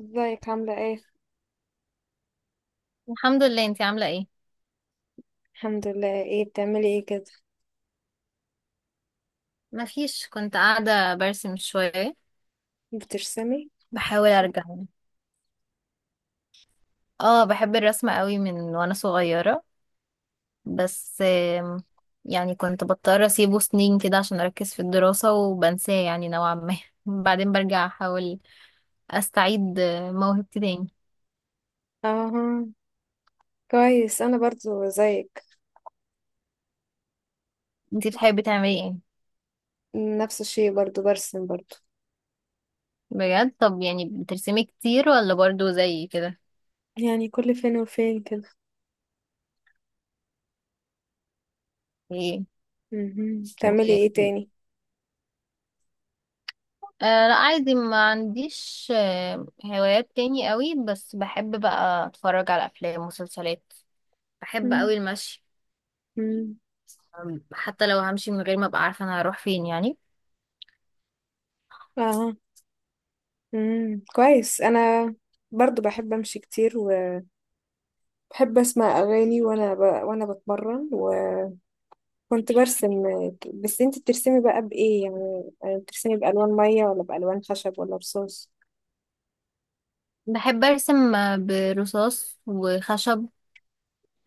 ازيك؟ عاملة ايه؟ الحمد لله. انتي عاملة ايه؟ الحمد لله. ايه بتعملي ايه كده؟ مفيش، كنت قاعدة برسم شوية. بترسمي؟ بحاول ارجع. اه، بحب الرسم قوي من وانا صغيرة، بس آم، يعني كنت بضطر اسيبه سنين كده عشان اركز في الدراسة وبنساه يعني نوعا ما. بعدين برجع احاول استعيد موهبتي تاني. اه، كويس. انا برضو زيك، انتي بتحبي تعملي ايه؟ نفس الشيء، برضو برسم برضو. بجد؟ طب يعني بترسمي كتير ولا برضو زي كده؟ يعني كل فين وفين كده. مهم. بتعملي ايه ايه تاني؟ لا، عادي، ما عنديش هوايات تاني قوي، بس بحب بقى اتفرج على افلام ومسلسلات. بحب مم. قوي المشي. مم. حتى لو همشي من غير ما ابقى عارفة انا هروح فين يعني. اه. مم. كويس. انا برضو بحب امشي كتير، وبحب اسمع اغاني وانا وانا بتمرن، وكنت برسم. بس انتي بترسمي بقى بايه يعني؟ بترسمي بالوان مية ولا بالوان خشب ولا رصاص؟ بحب ارسم برصاص وخشب.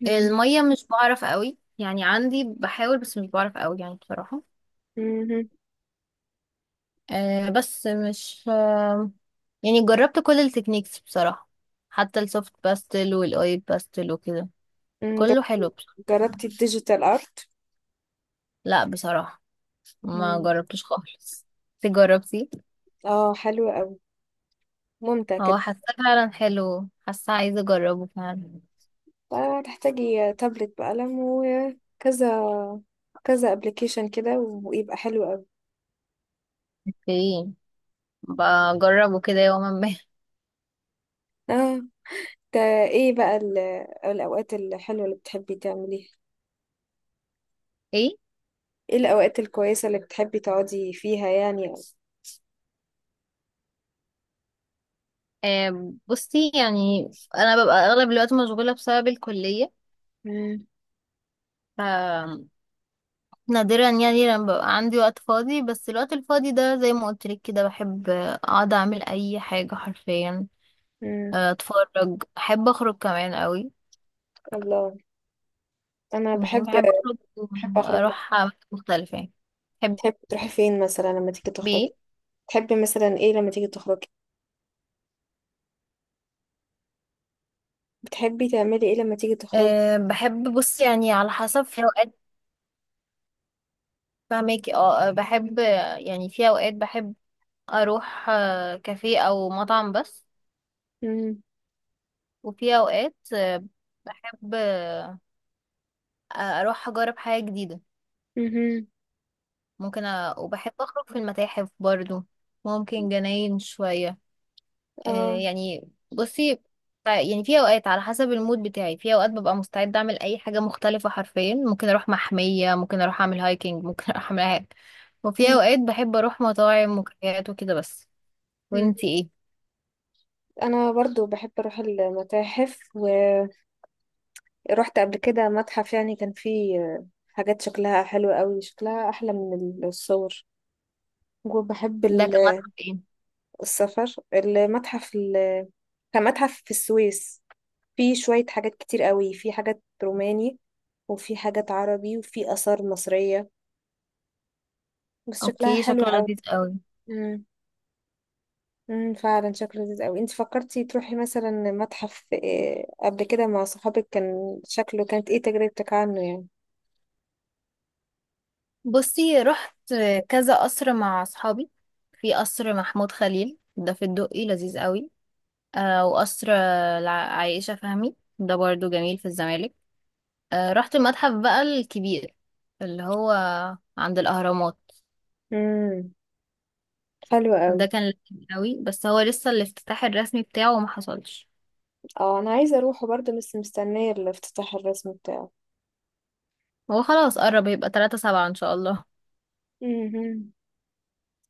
مم. المية مش بعرف قوي، يعني عندي بحاول، بس مش بعرف قوي يعني بصراحة. بس مش يعني جربت كل التكنيكس بصراحة، حتى السوفت باستل والاويل باستل وكده. مهم. كله حلو بصراحة. جربتي الديجيتال ارت؟ لا بصراحة، ما مم. جربتوش خالص. انت جربتي؟ اه، حلو قوي، ممتع هو كده. حاسه فعلا حلو، حاسه عايزه اجربه فعلا. هتحتاجي تابلت بقلم، وكذا كذا ابلكيشن كده، ويبقى حلو قوي. اوكي، بجربه كده يوما ما. اه. ده ايه بقى الاوقات الحلوه اللي بتحبي تعمليها؟ ايه؟ ايه الاوقات الكويسه اللي بتحبي تقعدي فيها يعني؟ بصي يعني، انا ببقى اغلب الوقت مشغوله بسبب الكليه، مم. ف نادرا يعني لما ببقى عندي وقت فاضي، بس الوقت الفاضي ده زي ما قلت لك كده، بحب اقعد اعمل اي حاجه حرفيا. امم. اتفرج، احب اخرج كمان قوي. الله، انا بحب، بحب اخرج بحب اخرج بقى. اروح أماكن مختلفه يعني. تحبي تحبي تروحي فين مثلا لما تيجي تخرجي؟ ايه؟ تحبي مثلا ايه لما تيجي تخرجي؟ بتحبي تعملي ايه لما تيجي تخرجي؟ أه، بحب، بص يعني على حسب، في اوقات فهماكي، اه، آه، بحب آه، يعني في اوقات بحب اروح كافيه او مطعم بس، امم. وفي اوقات آه، بحب آه، اروح اجرب حاجة جديدة. امم. وبحب اخرج في المتاحف برضو، ممكن جناين شوية. اه. يعني بصي، يعني في اوقات على حسب المود بتاعي، في اوقات ببقى مستعده اعمل اي حاجه مختلفه حرفيا، ممكن اروح محميه، ممكن اروح اعمل هايكنج، ممكن اروح اعمل أي حاجه. وفي مم. اوقات بحب اروح مطاعم وكافيهات وكده بس. مم. وانتي ايه؟ انا برضو بحب اروح المتاحف، ورحت قبل كده متحف، يعني كان فيه حاجات شكلها حلو قوي، شكلها احلى من الصور. وبحب ده كمان ايه؟ السفر. المتحف كان متحف في السويس، فيه شوية حاجات كتير قوي، فيه حاجات روماني وفي حاجات عربي وفي آثار مصرية، بس شكلها اوكي، حلو شكله قوي. لذيذ قوي. امم، فعلا شكله لذيذ قوي. انت فكرتي تروحي مثلا متحف إيه قبل كده مع صحابك؟ كان شكله، كانت ايه تجربتك عنه يعني؟ بصي رحت كذا قصر مع اصحابي. في قصر محمود خليل ده في الدقي، لذيذ قوي. آه، وقصر عائشة فهمي ده برضو جميل في الزمالك. رحت المتحف بقى الكبير اللي هو عند الأهرامات. امم، حلو قوي. ده كان لذيذ قوي، بس هو لسه الافتتاح الرسمي بتاعه ما حصلش. اه، انا عايزه اروحه برضه، بس مستنيه الافتتاح الرسمي بتاعه. هو خلاص قرب، هيبقى 3 سبعة ان شاء الله. امم.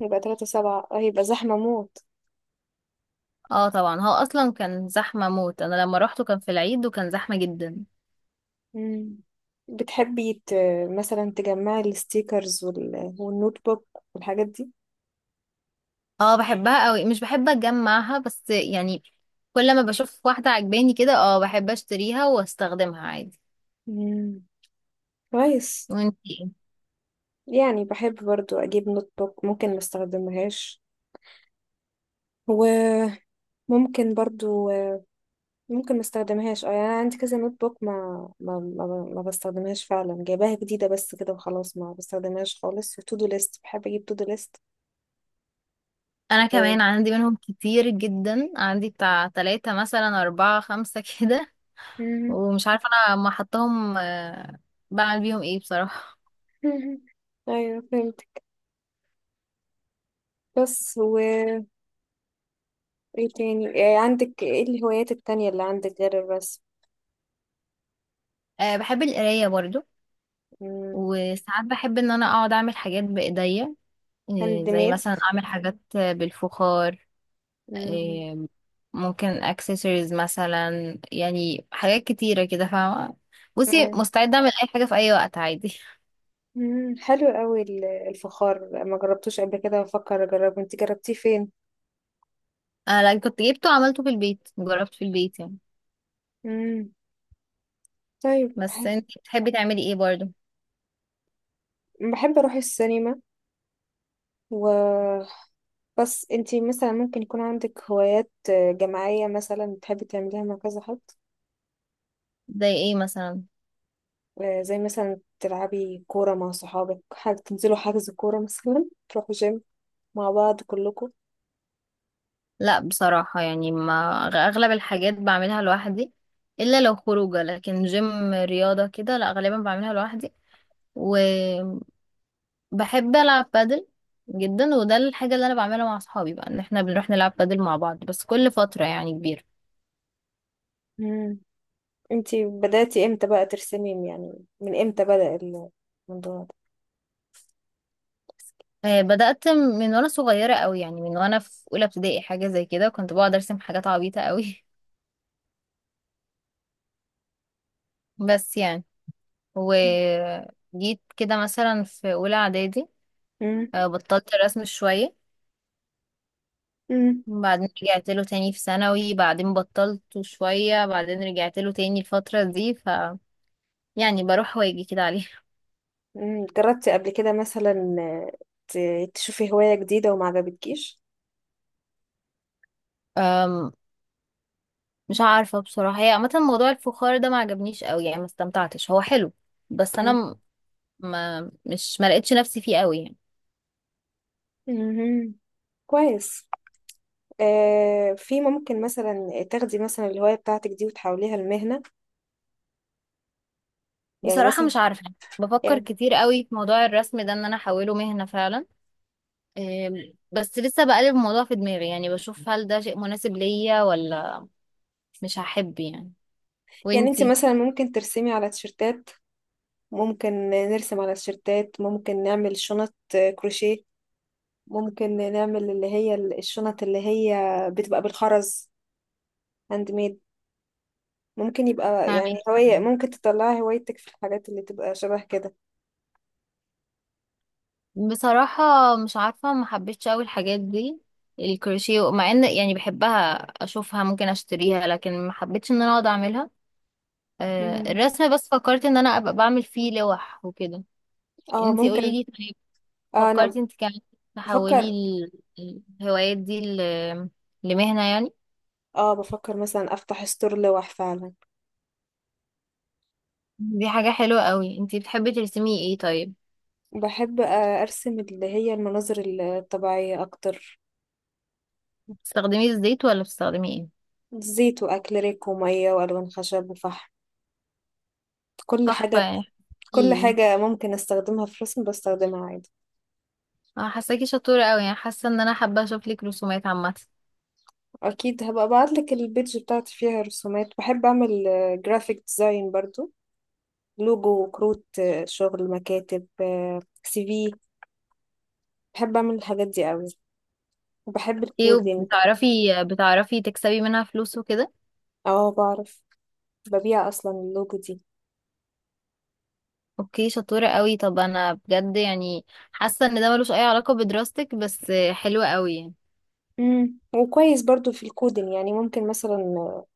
يبقى 3 7؟ اه، يبقى زحمه موت. اه طبعا، هو اصلا كان زحمة موت. انا لما روحته كان في العيد وكان زحمة جدا. امم. بتحبي ت... مثلا تجمعي الستيكرز والنوت بوك والحاجات دي؟ اه بحبها قوي، مش بحب اتجمعها بس يعني، كل ما بشوف واحدة عجباني كده اه بحب اشتريها واستخدمها عادي. امم، كويس. وانتي؟ يعني بحب برضو اجيب نوت بوك ممكن ما استخدمهاش، وممكن برضو، ممكن ما استخدمهاش. اه يعني انا عندي كذا نوت بوك، ما ما, ما بستخدمهاش فعلا، جايباها جديده بس كده وخلاص، ما بستخدمهاش خالص. وتو دو ليست، بحب اجيب تو دو ليست. انا ايه، كمان عندي منهم كتير جدا، عندي بتاع تلاتة مثلا، اربعة، خمسة كده. مهم. ومش عارفة انا ما حطهم. بعمل بيهم ايه بصراحة؟ مهم. ايوه فهمت. بس و ايه تاني، إيه عندك، ايه الهوايات التانية اللي عندك غير الرسم؟ بحب القراية برضو. مم، وساعات بحب ان انا اقعد اعمل حاجات بايديا، هاند زي ميد. مثلا اعمل حاجات بالفخار، مم. آه، ممكن اكسسوارز مثلا، يعني حاجات كتيرة كده فاهمة؟ بصي تمام. مستعدة اعمل اي حاجة في اي وقت عادي. مم، حلو قوي. الفخار ما جربتوش قبل كده، بفكر اجربه. انت جربتيه فين؟ انا لأ، كنت جبته وعملته في البيت، جربت في البيت يعني. مم، طيب، بس انت بتحبي تعملي ايه برضو؟ بحب اروح السينما. و بس انتي مثلا ممكن يكون عندك هوايات، آه، جماعية مثلا بتحبي تعمليها مع كذا حد؟ زي ايه مثلا؟ آه، زي مثلا تلعبي كورة مع صحابك، حاجة تنزلوا حجز كورة مثلا، تروحوا جيم مع بعض كلكم. لا بصراحة يعني، ما أغلب الحاجات بعملها لوحدي، إلا لو خروجة، لكن جيم رياضة كده لا، غالبا بعملها لوحدي. وبحب ألعب بادل جدا، وده الحاجة اللي أنا بعملها مع أصحابي بقى، إن إحنا بنروح نلعب بادل مع بعض بس كل فترة يعني كبيرة. مم. انتي بدأتي امتى بقى ترسمي يعني؟ من امتى بدأ الموضوع بدأت من وأنا صغيرة أوي، يعني من وأنا في أولى ابتدائي حاجة زي كده، كنت بقعد أرسم حاجات عبيطة أوي. بس يعني ده؟ وجيت كده مثلا في أولى إعدادي مم. بطلت الرسم شوية، مم. بعدين رجعت له تاني في ثانوي، بعدين بطلت شوية، بعدين رجعت له تاني الفترة دي. ف يعني بروح واجي كده عليه. مم، جربتي قبل كده مثلا آه، تشوفي هواية جديدة وما عجبتكيش؟ أم، مش عارفة بصراحة، هي عامة موضوع الفخار ده ما عجبنيش قوي يعني، ما استمتعتش، هو حلو بس انا مم. ما لقيتش نفسي فيه قوي يعني. مم. كويس. آه، في ممكن مثلا تاخدي مثلا الهواية بتاعتك دي وتحوليها لمهنة؟ يعني بصراحة مثلا مش عارفة، بفكر يعني كتير قوي في موضوع الرسم ده ان انا احوله مهنة فعلا. بس لسه بقلب الموضوع في دماغي يعني، بشوف هل ده شيء مناسب ليا ولا مش هحب يعني. يعني انت وانتي؟ مثلا ممكن ترسمي على تيشرتات، ممكن نرسم على تيشرتات، ممكن نعمل شنط آه، كروشيه، ممكن نعمل اللي هي الشنط اللي هي بتبقى بالخرز، هاند ميد. ممكن يبقى يعني فاهمك. هواية، ممكن تطلعي هوايتك في الحاجات اللي تبقى شبه كده. بصراحة مش عارفة، ما حبيتش أوي الحاجات دي. الكروشيه مع ان يعني بحبها اشوفها، ممكن اشتريها، لكن ما حبيتش ان انا اقعد اعملها. مم، الرسم بس فكرت ان انا ابقى بعمل فيه لوح وكده. اه انتي قولي ممكن. لي طيب، آه فكرتي انا انت كمان تحولي بفكر الهوايات دي لمهنة يعني؟ اه بفكر مثلا افتح ستور لوح فعلا. دي حاجة حلوة قوي. انتي بتحبي ترسمي ايه طيب؟ بحب آه، أرسم اللي هي المناظر الطبيعية أكتر. بتستخدمي الزيت ولا بتستخدمي ايه؟ زيت وأكريليك ومية وألوان خشب وفحم، كل تحفة حاجة. يعني. كل ايه، حاجة ممكن أستخدمها في رسم بستخدمها عادي. انا حاساكي شطورة قوي، يعني حاسة ان انا حابة اشوف لك رسومات عامة. أكيد هبقى أبعتلك البيج بتاعتي فيها رسومات. بحب أعمل جرافيك ديزاين برضو، لوجو وكروت، آه، شغل مكاتب، سي في. بحب أعمل الحاجات دي أوي، وبحب ايه الكودينج. وبتعرفي، بتعرفي تكسبي منها فلوس وكده؟ اه بعرف، ببيع أصلا اللوجو دي. اوكي، شطورة قوي. طب انا بجد يعني حاسة ان ده ملوش اي علاقة بدراستك، بس حلوة قوي يعني. مم، وكويس برضو في الكودين، يعني ممكن مثلا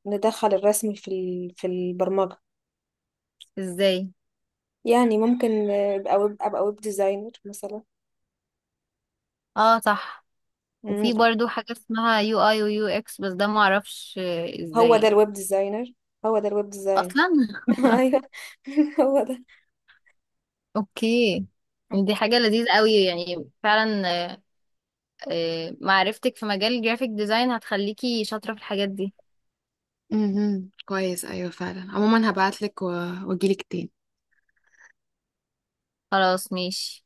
ندخل الرسم في في البرمجة. ازاي؟ يعني ممكن ابقى ويب ديزاينر مثلا. اه صح. مم. وفي برضو حاجة اسمها يو اي ويو اكس، بس ده معرفش هو ازاي ده يعني. الويب ديزاينر، هو ده الويب ديزاين. اصلا؟ ايوه، هو ده. اوكي. يعني دي حاجة لذيذة قوي يعني فعلا. معرفتك في مجال الجرافيك ديزاين هتخليكي شاطرة في الحاجات دي. مهم، كويس. ايوه فعلا. عموما هبعتلك واجيلك تاني. خلاص ماشي.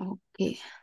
اوكي.